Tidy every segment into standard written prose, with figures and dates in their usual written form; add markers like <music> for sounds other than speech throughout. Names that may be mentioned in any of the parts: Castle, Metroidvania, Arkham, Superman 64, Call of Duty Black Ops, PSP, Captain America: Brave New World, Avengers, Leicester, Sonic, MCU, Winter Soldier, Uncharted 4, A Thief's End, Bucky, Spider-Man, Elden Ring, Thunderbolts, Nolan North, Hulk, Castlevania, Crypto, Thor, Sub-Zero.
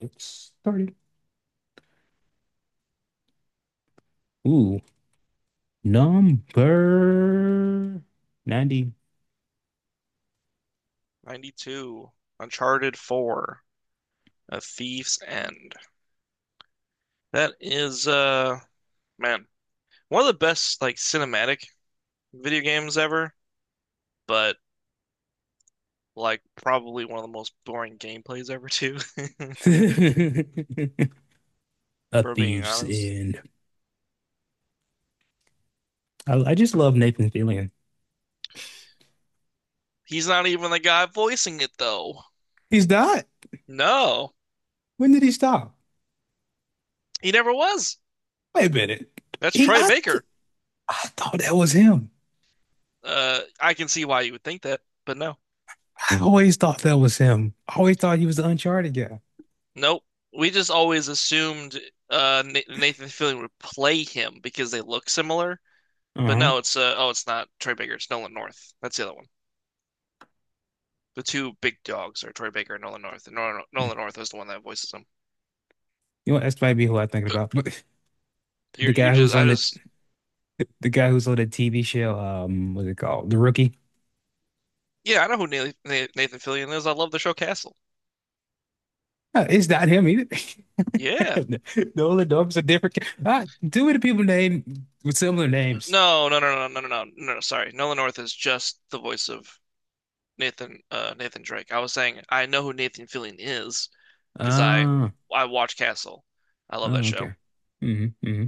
It started. Ooh, number 90. 92, Uncharted 4, A Thief's End. That is, man, one of the best like cinematic video games ever, but like probably one of the most boring gameplays ever too, <laughs> <laughs> A for being thief's honest. end. I just love Nathan Fillion. He's not even the guy voicing it though. He's not. No, When did he stop? he never was. Wait a minute. That's He, Troy I, th- Baker. I thought that was him. I can see why you would think that, but no. I always thought that was him. I always thought he was the Uncharted guy. Nope. We just always assumed uh, Nathan Fillion would play him because they look similar, Uh but huh. no, it's uh oh, it's not Troy Baker. It's Nolan North. That's the other one. The two big dogs are Troy Baker and Nolan North. And Nolan, You Nolan North is the one that voices him. know, what? that's might be who I'm thinking about. <laughs> You <clears throat> the you guy who's just I on the just the guy who's on the TV show. What's it called? The Rookie. yeah, I know who Nathan, Nathan Fillion is. I love the show Castle. It's not him either. Yeah. <laughs> Nolan North's a different. Ah, too many people named with similar names. No no no no no no no no. no, sorry, Nolan North is just the voice of Nathan Nathan Drake. I was saying I know who Nathan Fillion is because I Oh, I watch Castle. I love that oh, show. okay. hmm hmm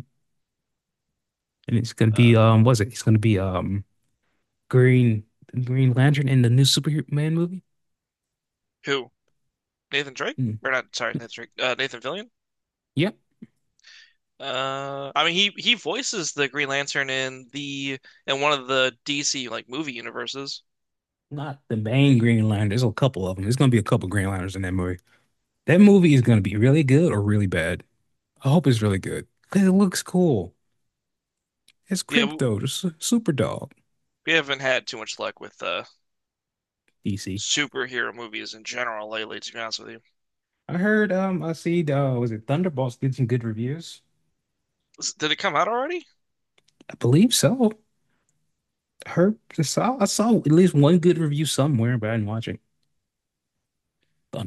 And it's gonna Uh, be was it? It's gonna be Green Green Lantern in the new Superman movie. who, Nathan Drake Mm. or not? Sorry, Nathan Drake. Nathan Fillion. Yep, I mean he voices the Green Lantern in the in one of the DC like movie universes. not the main Green Lantern. There's a couple of them. There's gonna be a couple Green Lanterns in that movie. That movie is gonna be really good or really bad. I hope it's really good because it looks cool. It's Yeah, Crypto, the super dog. we haven't had too much luck with DC. superhero movies in general lately, to be honest with you. I heard, I see, was it Thunderbolts did some good reviews? Did it come out already? I believe so. I saw at least one good review somewhere, but I didn't watch it.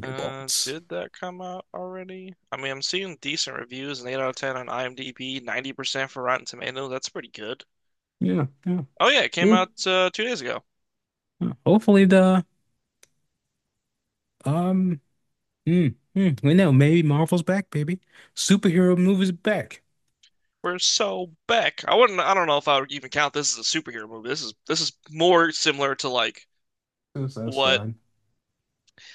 Did that come out already? I mean, I'm seeing decent reviews, an 8 out of 10 on IMDb, 90% for Rotten Tomatoes. That's pretty good. Yeah, yeah. Oh yeah, it came Good. out 2 days ago. Yeah. Hopefully the, um, we know, maybe Marvel's back, baby. Superhero movies back. We're so back. I wouldn't. I don't know if I would even count this as a superhero movie. This is more similar to like So that's what fine.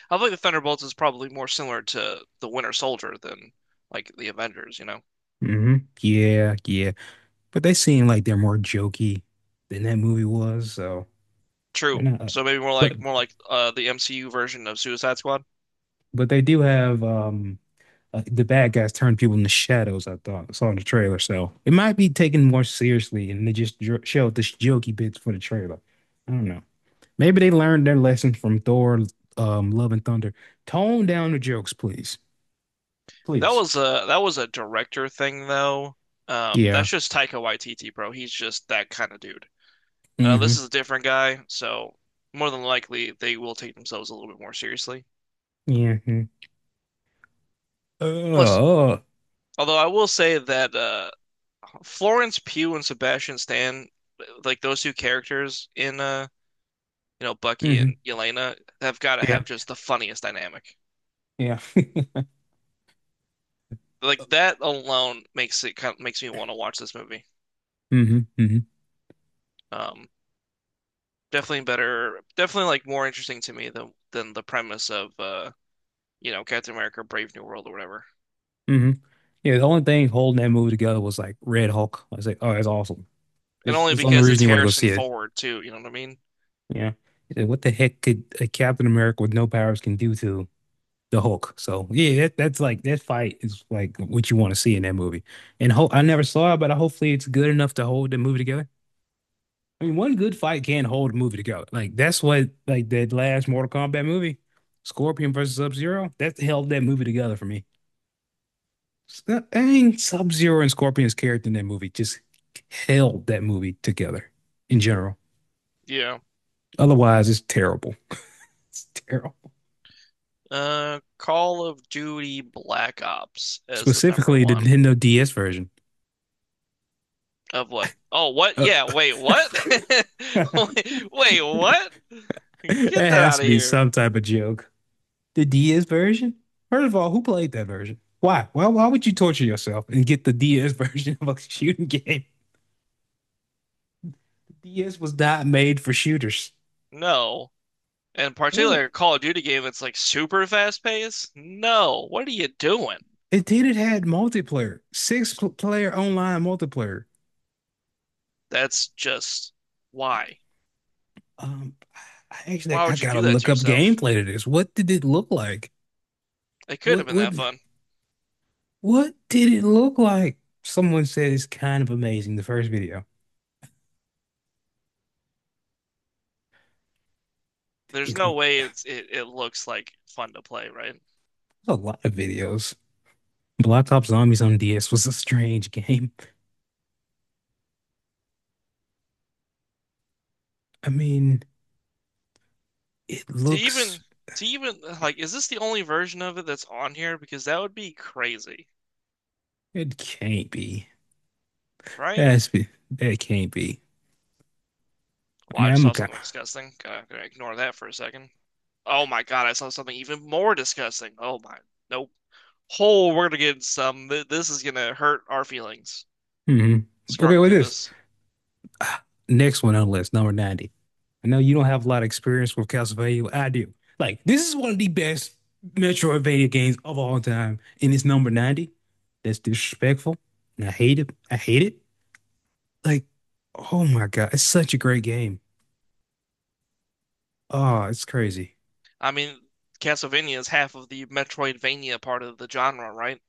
I think the Thunderbolts is probably more similar to the Winter Soldier than like the Avengers, you know? Yeah, yeah. But they seem like they're more jokey than that movie was, so they're True. not So like, maybe but, more like the MCU version of Suicide Squad. but they do have, the bad guys turn people into shadows. I thought I saw in the trailer, so it might be taken more seriously, and they just showed the jokey bits for the trailer. I don't know. Maybe they learned their lesson from Thor, Love and Thunder. Tone down the jokes, please, That please. was a that was a director thing though. Yeah. That's just Taika Waititi, bro. He's just that kind of dude. Mm-hmm. This is a different guy, so more than likely they will take themselves a little bit more seriously. Yeah. Mhm. Plus, Uh, although I will say that Florence Pugh and Sebastian Stan, like those two characters in you know, Bucky mm-hmm. and Yelena have got to Yeah. have just the funniest dynamic. Yeah. <laughs> Like that alone makes it kind of makes me want to watch this movie. Mm-hmm. Mm-hmm. Um, definitely better, definitely like more interesting to me than the premise of you know, Captain America: Brave New World or whatever. Mm-hmm. Yeah. The only thing holding that movie together was like Red Hulk. I was like, oh, that's awesome. And This only this is the only because it's reason you want to go Harrison see it. Ford too, you know what I mean? Yeah. Yeah, what the heck could a Captain America with no powers can do to the Hulk? So yeah, that's like that fight is like what you want to see in that movie. And Hulk, I never saw it, but hopefully it's good enough to hold the movie together. I mean, one good fight can hold a movie together. Like that last Mortal Kombat movie, Scorpion versus Sub-Zero, that held that movie together for me. S- I mean, Sub-Zero and Scorpion's character in that movie just held that movie together in general. Yeah. Otherwise, it's terrible. It's terrible. Call of Duty Black Ops as the number Specifically, the one Nintendo DS version. of what? Oh, what? Uh, Yeah, wait, what? <laughs> <laughs> that Wait, wait, what? Get that has out to of be here. some type of joke. The DS version? First of all, who played that version? Why? Why would you torture yourself and get the DS <laughs> version of a shooting game? The DS was not made for shooters. No. And Oh, particularly a Call of Duty game that's like super fast paced. No, what are you doing? it did. It had multiplayer, six player online multiplayer. That's just why. Um, I actually Why I would you do gotta that to look up yourself? gameplay to this. What did it look like? It could have What been what that fun. What did it look like? Someone said it's kind of amazing, the first video. There's It no was way it's it looks like fun to play, right? a lot of videos. Blacktop Zombies on DS was a strange game. I mean, it To looks, even to even like, is this the only version of it that's on here? Because that would be crazy, it can't be. right? That can't be. I Well, I mean, just I'm saw kind. something disgusting. Gotta ignore that for a second. Oh my God, I saw something even more disgusting. Oh my, nope. Oh, we're gonna get some. This is gonna hurt our feelings. Hmm. Okay, Scrolling with through this. this. Ah, next one on the list, number 90. I know you don't have a lot of experience with Castlevania. I do. Like, this is one of the best Metroidvania games of all time, and it's number 90. That's disrespectful, and I hate it. I hate it. Like, oh my God, it's such a great game. Oh, it's crazy. I mean, Castlevania is half of the Metroidvania part of the genre, right?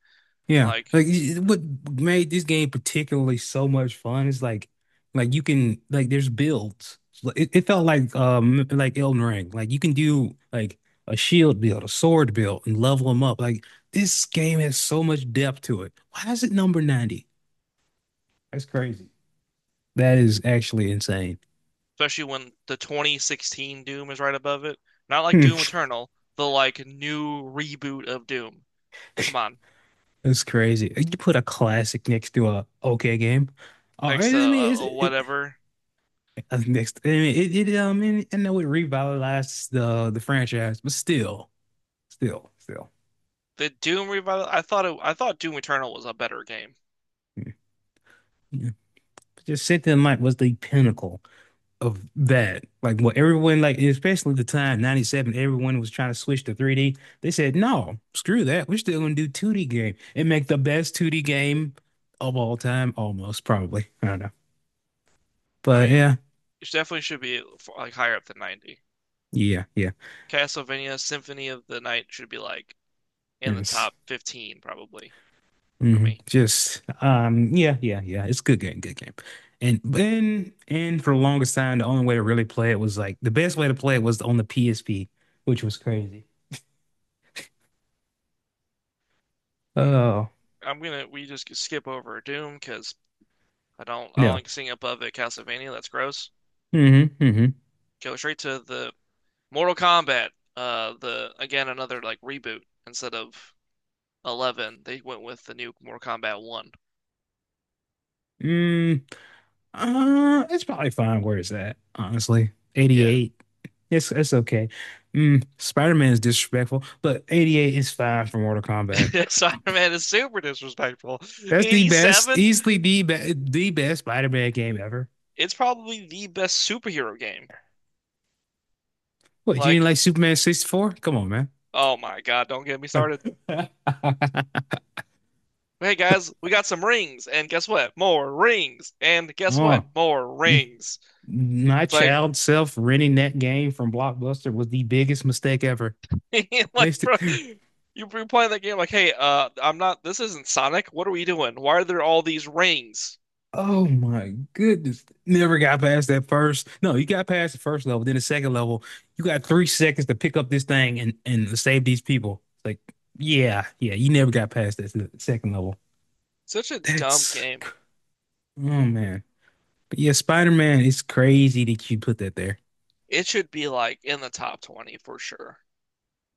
Yeah, Like, like y- what made this game particularly so much fun is you can there's builds. Like, it felt like Elden Ring. Like you can do like a shield build, a sword build, and level them up. Like this game has so much depth to it. Why is it number 90? That's crazy. That is actually insane. especially when the 2016 Doom is right above it. Not like Hmm. Doom Eternal, the like new reboot of Doom. Come <laughs> on, That's crazy. You put a classic next to a okay game. All next right, to I mean, it's, it, whatever I think next, I mean, I know it revitalized the franchise, but still, still, the Doom revival. I thought Doom Eternal was a better game. yeah. Yeah. But Just Cynthia and Mike was the pinnacle of that. Like what everyone, like especially the time '97, everyone was trying to switch to 3D. They said, "No, screw that. We're still gonna do 2D game and make the best 2D game of all time, almost probably. I don't know, I but mean, yeah, it definitely should be like higher up than 90. yeah, yeah, Castlevania Symphony of the Night should be like in the yes." top 15 probably for hmm me. Just Yeah, yeah. It's a good game, good game. And for the longest time, the only way to really play it was like the best way to play it was on the PSP, which was crazy. Mm. Oh, I'm gonna we just skip over Doom because I don't no. like seeing above it Castlevania. That's gross. hmm hmm Go straight to the Mortal Kombat. The again another like reboot instead of 11. They went with the new Mortal Kombat 1. Mm, it's probably fine where it's at, honestly. Yeah, 88. It's okay. Mm, Spider-Man is disrespectful, but 88 is fine for Mortal Kombat. <laughs> Spider-Man is super disrespectful. That's the best, 87. easily the best Spider-Man game ever. It's probably the best superhero game. What, you didn't Like, like Superman 64? Come on, man. oh my God, don't get me started. <laughs> Hey guys, we got some rings, and guess what? More rings, and guess what? Oh, More rings. my It's like child self renting that game from Blockbuster was the biggest mistake ever. <laughs> like, bro, Wasted. you be playing that game like, hey, I'm not. This isn't Sonic. What are we doing? Why are there all these rings? Oh my goodness. Never got past that first. No, you got past the first level, then the second level. You got 3 seconds to pick up this thing and, save these people. It's like, yeah, yeah, you never got past that second level. Such a dumb That's, game. oh man. But yeah, Spider-Man, it's crazy that you put that there. It should be like in the top 20 for sure.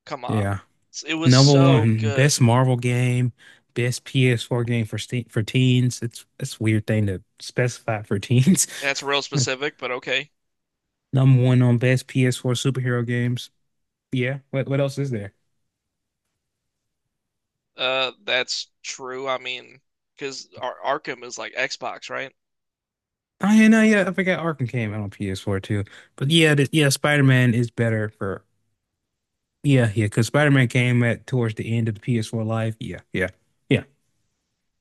Come Yeah. on. It was Number so one, best good. Marvel game, best PS4 game for teens. It's a weird thing to specify for teens. That's real specific, but okay. <laughs> Number one on best PS4 superhero games. Yeah, what else is there? That's true. I mean, because Ar Arkham is like Xbox, right? Oh yeah, no, yeah, I forgot Arkham came out on PS4 too. But yeah, yeah, Spider-Man is better for yeah, yeah, because Spider-Man came at towards the end of the PS4 life. Yeah, yeah.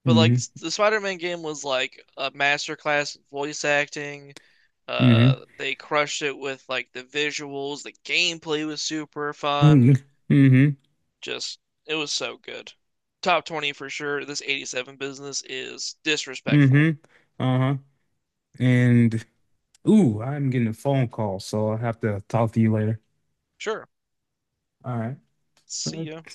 But like Mm-hmm. the Spider-Man game was like a masterclass in voice acting. Mm-hmm. They crushed it with like the visuals. The gameplay was super Mm-hmm. fun. Mm-hmm. Just it was so good. Top 20 for sure. This 87 business is disrespectful. Mm-hmm. Uh-huh. And ooh, I'm getting a phone call, so I'll have to talk to you later. Sure. All See ya. right.